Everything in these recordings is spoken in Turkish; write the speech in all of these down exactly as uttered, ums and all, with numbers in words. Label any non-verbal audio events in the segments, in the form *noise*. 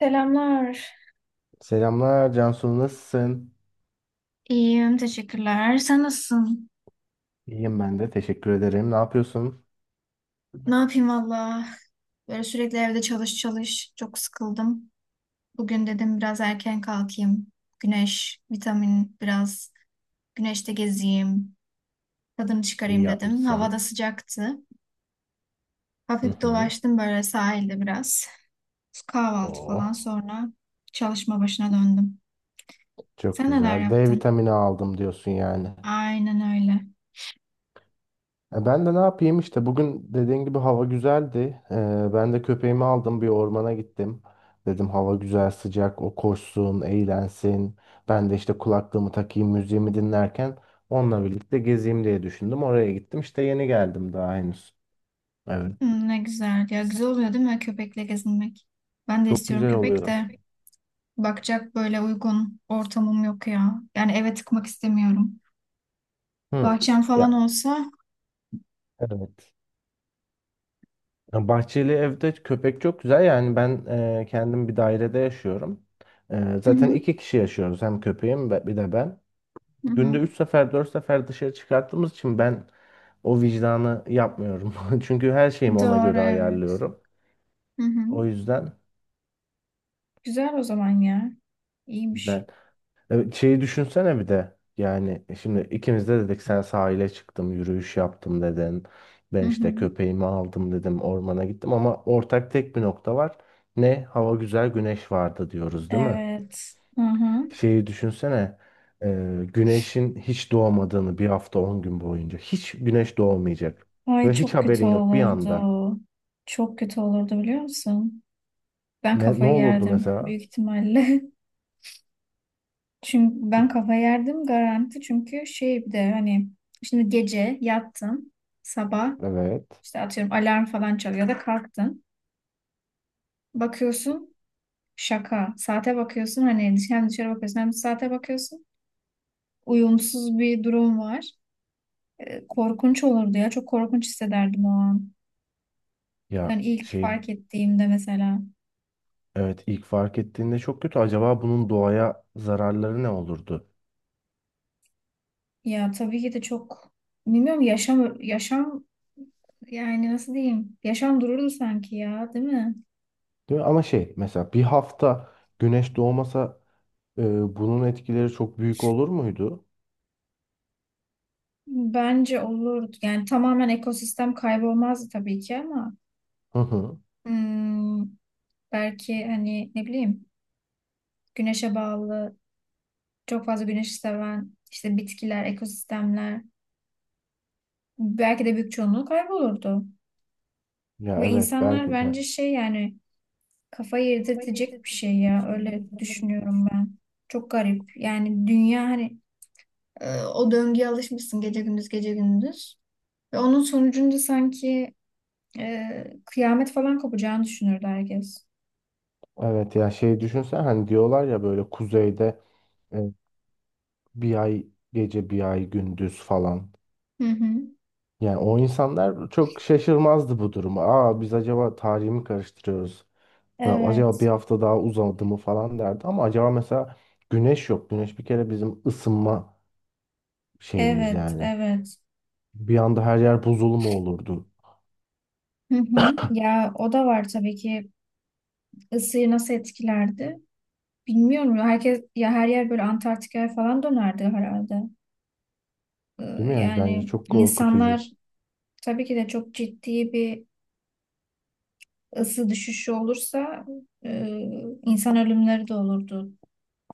Selamlar. Selamlar Cansu, nasılsın? İyiyim, teşekkürler. Sen nasılsın? İyiyim ben de, teşekkür ederim. Ne yapıyorsun? Ne yapayım valla? Böyle sürekli evde çalış çalış. Çok sıkıldım. Bugün dedim biraz erken kalkayım. Güneş, vitamin biraz. Güneşte gezeyim. Tadını İyi çıkarayım dedim. Hava da yapmışsın. sıcaktı. Hı Hafif hı. dolaştım böyle sahilde biraz. Kahvaltı falan Oh, sonra çalışma başına döndüm. çok Sen neler güzel. D yaptın? vitamini aldım diyorsun yani. Aynen öyle. E, ben de ne yapayım işte, bugün dediğin gibi hava güzeldi. E, ben de köpeğimi aldım, bir ormana gittim. Dedim hava güzel, sıcak, o koşsun eğlensin. Ben de işte kulaklığımı takayım, müziğimi dinlerken onunla birlikte gezeyim diye düşündüm. Oraya gittim işte, yeni geldim daha henüz. Evet. Hı, ne güzel. Ya güzel oluyor değil mi köpekle gezinmek? Ben de Çok istiyorum güzel köpek oluyor. de. Bakacak böyle uygun ortamım yok ya. Yani eve tıkmak istemiyorum. Hı. Bahçem falan Ya, olsa. evet. Ya, bahçeli evde köpek çok güzel. Yani ben e, kendim bir dairede yaşıyorum. E, Hı Zaten hı, iki kişi yaşıyoruz. Hem köpeğim ve bir de ben. hı Günde hı. üç sefer dört sefer dışarı çıkarttığımız için ben o vicdanı yapmıyorum. *laughs* Çünkü her şeyimi ona Doğru göre evet. ayarlıyorum. Hı O hı. yüzden Güzel o zaman ya. İyiymiş. güzel. Evet, şeyi düşünsene bir de. Yani şimdi ikimiz de dedik, sen sahile çıktım, yürüyüş yaptım dedin. Ben Hı hı. işte köpeğimi aldım dedim, ormana gittim, ama ortak tek bir nokta var. Ne? Hava güzel, güneş vardı diyoruz değil mi? Evet. Hı hı. Şeyi düşünsene. E, güneşin hiç doğmadığını, bir hafta on gün boyunca. Hiç güneş doğmayacak. Ay Ve hiç çok kötü haberin yok, bir olurdu. anda. Çok kötü olurdu biliyor musun? Ben Ne, ne kafayı olurdu yerdim mesela? büyük ihtimalle. *laughs* Çünkü ben kafayı yerdim garanti. Çünkü şey bir de hani şimdi gece yattın. Sabah Evet. işte atıyorum alarm falan çalıyor ya da kalktın. Bakıyorsun şaka. Saate bakıyorsun hani hem dışarı bakıyorsun hem de saate bakıyorsun. Uyumsuz bir durum var. E, Korkunç olurdu ya. Çok korkunç hissederdim o an. Ya Yani ilk şey, fark ettiğimde mesela. evet, ilk fark ettiğinde çok kötü. Acaba bunun doğaya zararları ne olurdu? Ya tabii ki de çok bilmiyorum yaşam yaşam yani nasıl diyeyim? Yaşam dururdu sanki ya, değil mi? Değil mi? Ama şey, mesela bir hafta güneş doğmasa, e, bunun etkileri çok büyük olur muydu? Bence olurdu. Yani tamamen ekosistem kaybolmazdı tabii ki ama Hı hı. hmm, belki hani ne bileyim güneşe bağlı çok fazla güneş seven işte bitkiler, ekosistemler belki de büyük çoğunluğu kaybolurdu. Ya Ve evet, insanlar belki de. bence şey yani kafayı yedirtecek bir şey ya öyle düşünüyorum ben. Çok garip. Yani dünya hani e, o döngüye alışmışsın gece gündüz gece gündüz. Ve onun sonucunda sanki e, kıyamet falan kopacağını düşünürdü herkes. Evet ya şey, düşünsen hani, diyorlar ya böyle kuzeyde e, bir ay gece bir ay gündüz falan. Hı hı. Yani o insanlar çok şaşırmazdı bu duruma. Aa, biz acaba tarihi mi karıştırıyoruz? Ha, acaba bir Evet, hafta daha uzadı mı falan derdi. Ama acaba mesela, güneş yok. Güneş bir kere bizim ısınma şeyimiz evet, yani. evet. Bir anda her yer buzul mu olurdu? Hı hı. Ya o da var tabii ki ısıyı nasıl etkilerdi? Bilmiyorum ya herkes ya her yer böyle Antarktika'ya falan dönerdi herhalde. Ee, Değil mi yani? Bence yani çok korkutucu. insanlar tabii ki de çok ciddi bir ısı düşüşü olursa e, insan ölümleri de olurdu.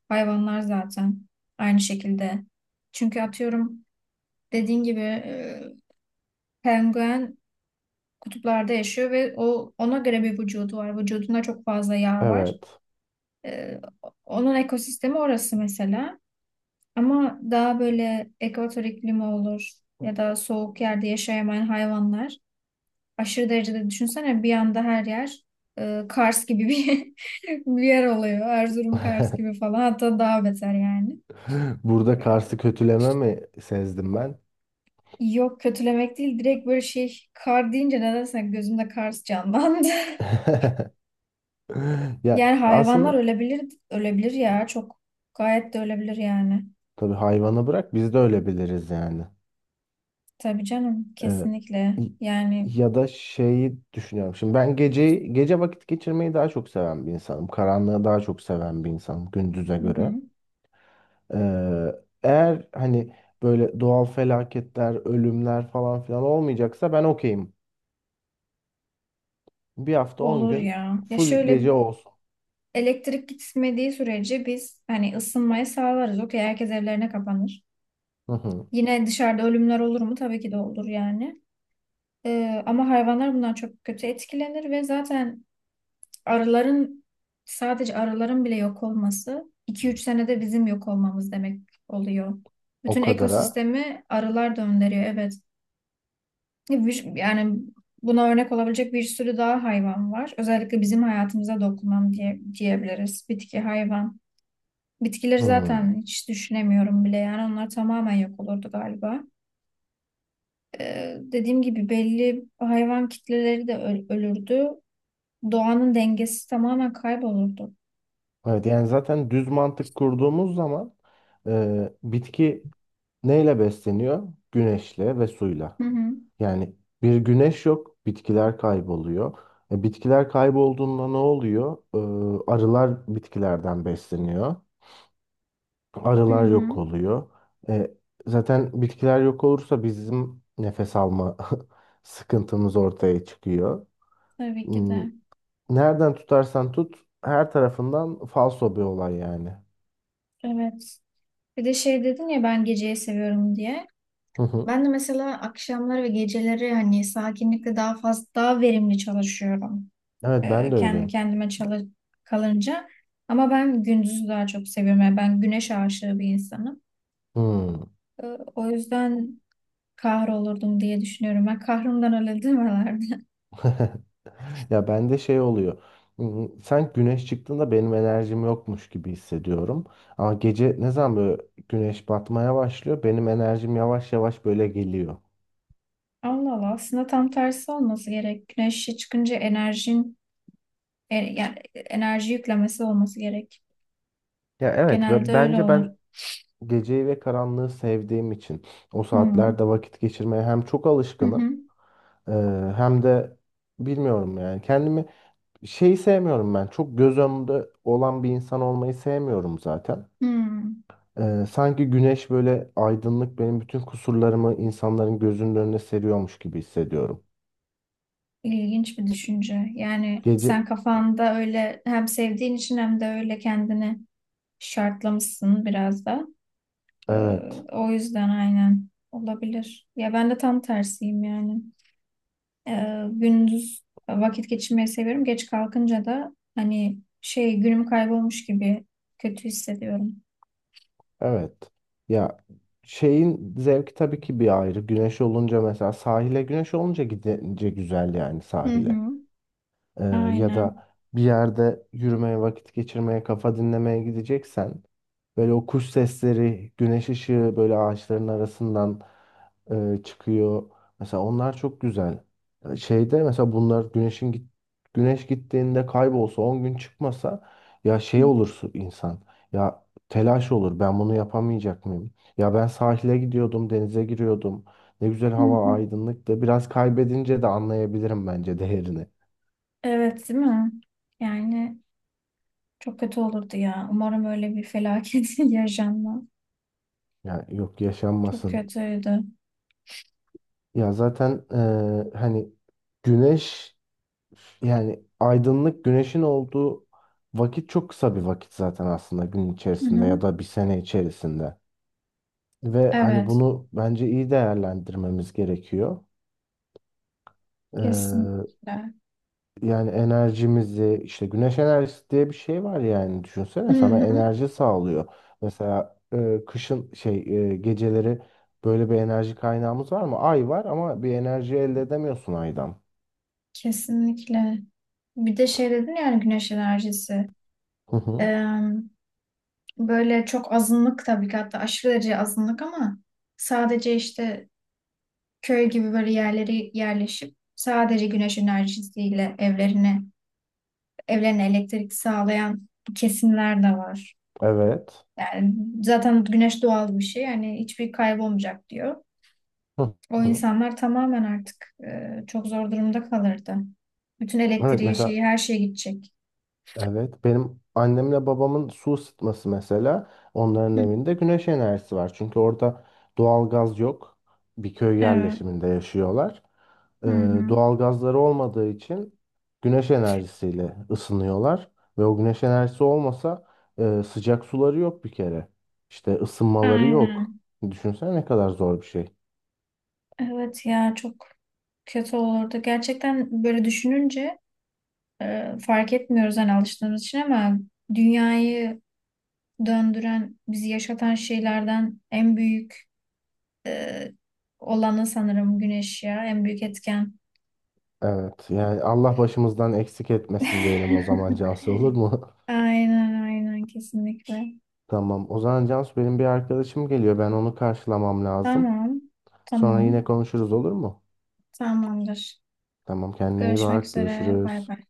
Hayvanlar zaten aynı şekilde. Çünkü atıyorum dediğin gibi e, penguen kutuplarda yaşıyor ve o ona göre bir vücudu var. Vücudunda çok fazla yağ var. Evet. Ee, onun ekosistemi orası mesela. Ama daha böyle ekvator iklimi olur ya da soğuk yerde yaşayamayan hayvanlar aşırı derecede düşünsene bir anda her yer e, Kars gibi bir, *laughs* bir yer oluyor. Erzurum Kars *laughs* gibi falan hatta daha beter yani. Burada Kars'ı kötüleme mi sezdim ben? Yok kötülemek değil direkt böyle şey kar deyince nedense gözümde Kars canlandı. *laughs* *laughs* Ya Yani hayvanlar aslında ölebilir ölebilir ya çok gayet de ölebilir yani. tabii, hayvana bırak, biz de öyle biliriz yani. Tabii canım Ee, kesinlikle y- yani, Ya da şeyi düşünüyorum. Şimdi ben gece gece vakit geçirmeyi daha çok seven bir insanım. Karanlığı daha çok seven bir insanım gündüze hı hı. göre. Ee, Eğer hani böyle doğal felaketler, ölümler falan filan olmayacaksa ben okeyim. Bir hafta on Olur gün ya. Ya full şöyle gece olsun. elektrik gitmediği sürece biz hani ısınmayı sağlarız. Okey herkes evlerine kapanır. Hı hı. Yine dışarıda ölümler olur mu? Tabii ki de olur yani. Ee, ama hayvanlar bundan çok kötü etkilenir ve zaten arıların sadece arıların bile yok olması iki üç senede bizim yok olmamız demek oluyor. O Bütün kadara. ekosistemi arılar döndürüyor evet. Bir- Yani buna örnek olabilecek bir sürü daha hayvan var. Özellikle bizim hayatımıza dokunan diye, diyebiliriz. Bitki, hayvan. Bitkileri Hı. zaten hiç düşünemiyorum bile yani onlar tamamen yok olurdu galiba. Ee, dediğim gibi belli hayvan kitleleri de öl- ölürdü. Doğanın dengesi tamamen kaybolurdu. Evet yani zaten düz mantık kurduğumuz zaman, e, bitki neyle besleniyor? Güneşle ve suyla. Hı hı. Yani bir güneş yok, bitkiler kayboluyor. E, bitkiler kaybolduğunda ne oluyor? E, arılar bitkilerden besleniyor. Hı Arılar hı. yok oluyor. E, Zaten bitkiler yok olursa bizim nefes alma *laughs* sıkıntımız ortaya çıkıyor. Tabii ki Hmm, de. Nereden tutarsan tut, her tarafından falso bir olay yani. Evet. Bir de şey dedin ya ben geceyi seviyorum diye. Hı hı. Ben de mesela akşamları ve geceleri hani sakinlikle daha fazla daha verimli çalışıyorum. Evet, ben Ee, de kendi öyleyim. kendime çalış kalınca. Ama ben gündüzü daha çok seviyorum. Yani ben güneş aşığı bir insanım. Hmm. E, O yüzden kahrolurdum diye düşünüyorum. Ben kahrımdan öyle demelerdi. *laughs* *laughs* Ya, bende şey oluyor. Hmm, Sanki güneş çıktığında benim enerjim yokmuş gibi hissediyorum. Ama gece ne zaman böyle güneş batmaya başlıyor, benim enerjim yavaş yavaş böyle geliyor. Allah Allah aslında tam tersi olması gerek. Güneşe çıkınca enerjin e, yani enerji yüklemesi olması gerek. Ya evet, Genelde ve öyle bence olur. ben geceyi ve karanlığı sevdiğim için o Hmm. saatlerde vakit geçirmeye hem çok Hı alışkınım, hı. e, hem de bilmiyorum, yani kendimi. Şeyi sevmiyorum ben. Çok göz önünde olan bir insan olmayı sevmiyorum zaten. Hmm. Ee, sanki güneş böyle aydınlık, benim bütün kusurlarımı insanların gözünün önüne seriyormuş gibi hissediyorum. İlginç bir düşünce. Yani Gece sen kafanda öyle hem sevdiğin için hem de öyle kendini şartlamışsın biraz da. Ee, evet. o yüzden aynen olabilir. Ya ben de tam tersiyim yani. Ee, gündüz vakit geçirmeyi seviyorum. Geç kalkınca da hani şey günüm kaybolmuş gibi kötü hissediyorum. Evet. Ya, şeyin zevki tabii ki bir ayrı. Güneş olunca mesela sahile, güneş olunca gidince güzel yani Hı sahile. hı. Ee, Ya Aynen. da bir yerde yürümeye, vakit geçirmeye, kafa dinlemeye gideceksen, böyle o kuş sesleri, güneş ışığı böyle ağaçların arasından e, çıkıyor. Mesela onlar çok güzel. Ee, Şeyde mesela, bunlar güneşin git güneş gittiğinde kaybolsa, on gün çıkmasa, ya şey olursun insan. Ya telaş olur. Ben bunu yapamayacak mıyım? Ya ben sahile gidiyordum, denize giriyordum. Ne güzel Hı hava, hı. aydınlıktı. Biraz kaybedince de anlayabilirim bence değerini. Evet, değil mi? Yani çok kötü olurdu ya. Umarım öyle bir felaket *laughs* yaşanmaz. Ya yok, Çok yaşanmasın. kötüydü. Ya zaten eee, hani güneş, yani aydınlık güneşin olduğu vakit çok kısa bir vakit zaten aslında, gün Hı içerisinde ya hı. da bir sene içerisinde. Ve hani Evet, bunu bence iyi değerlendirmemiz gerekiyor. kesinlikle. Yani enerjimizi işte, güneş enerjisi diye bir şey var yani, Hı düşünsene sana hı. enerji sağlıyor. Mesela e, kışın şey, e, geceleri böyle bir enerji kaynağımız var mı? Ay var ama bir enerji elde edemiyorsun aydan. Kesinlikle. Bir de şey dedin yani güneş enerjisi. Hı hı. Böyle çok azınlık tabii ki hatta aşırı derece azınlık ama sadece işte köy gibi böyle yerlere yerleşip sadece güneş enerjisiyle evlerine evlerine elektrik sağlayan kesimler de var. Evet. Yani zaten güneş doğal bir şey yani hiçbir kaybolmayacak diyor. Hı O hı. insanlar tamamen artık e, çok zor durumda kalırdı. Bütün Evet elektriği şeyi mesela, her şey gidecek. evet, benim annemle babamın su ısıtması mesela, onların Hı hı. evinde güneş enerjisi var. Çünkü orada doğal gaz yok. Bir köy Evet. yerleşiminde yaşıyorlar. Ee, Hı hı. Doğal gazları olmadığı için güneş enerjisiyle ısınıyorlar. Ve o güneş enerjisi olmasa, e, sıcak suları yok bir kere. İşte ısınmaları yok. Aynen. Düşünsene ne kadar zor bir şey. Evet ya çok kötü olurdu. Gerçekten böyle düşününce e, fark etmiyoruz hani alıştığımız için ama dünyayı döndüren, bizi yaşatan şeylerden en büyük e, olanı sanırım güneş ya. En büyük etken. Evet, yani Allah başımızdan eksik etmesin diyelim o zaman *laughs* Cansu, olur mu? *laughs* Aynen aynen kesinlikle. Tamam. O zaman Cansu, benim bir arkadaşım geliyor. Ben onu karşılamam lazım. Tamam. Sonra yine Tamam. konuşuruz, olur mu? Tamamdır. Tamam, kendine iyi Görüşmek bak. üzere. Bay Görüşürüz. bay.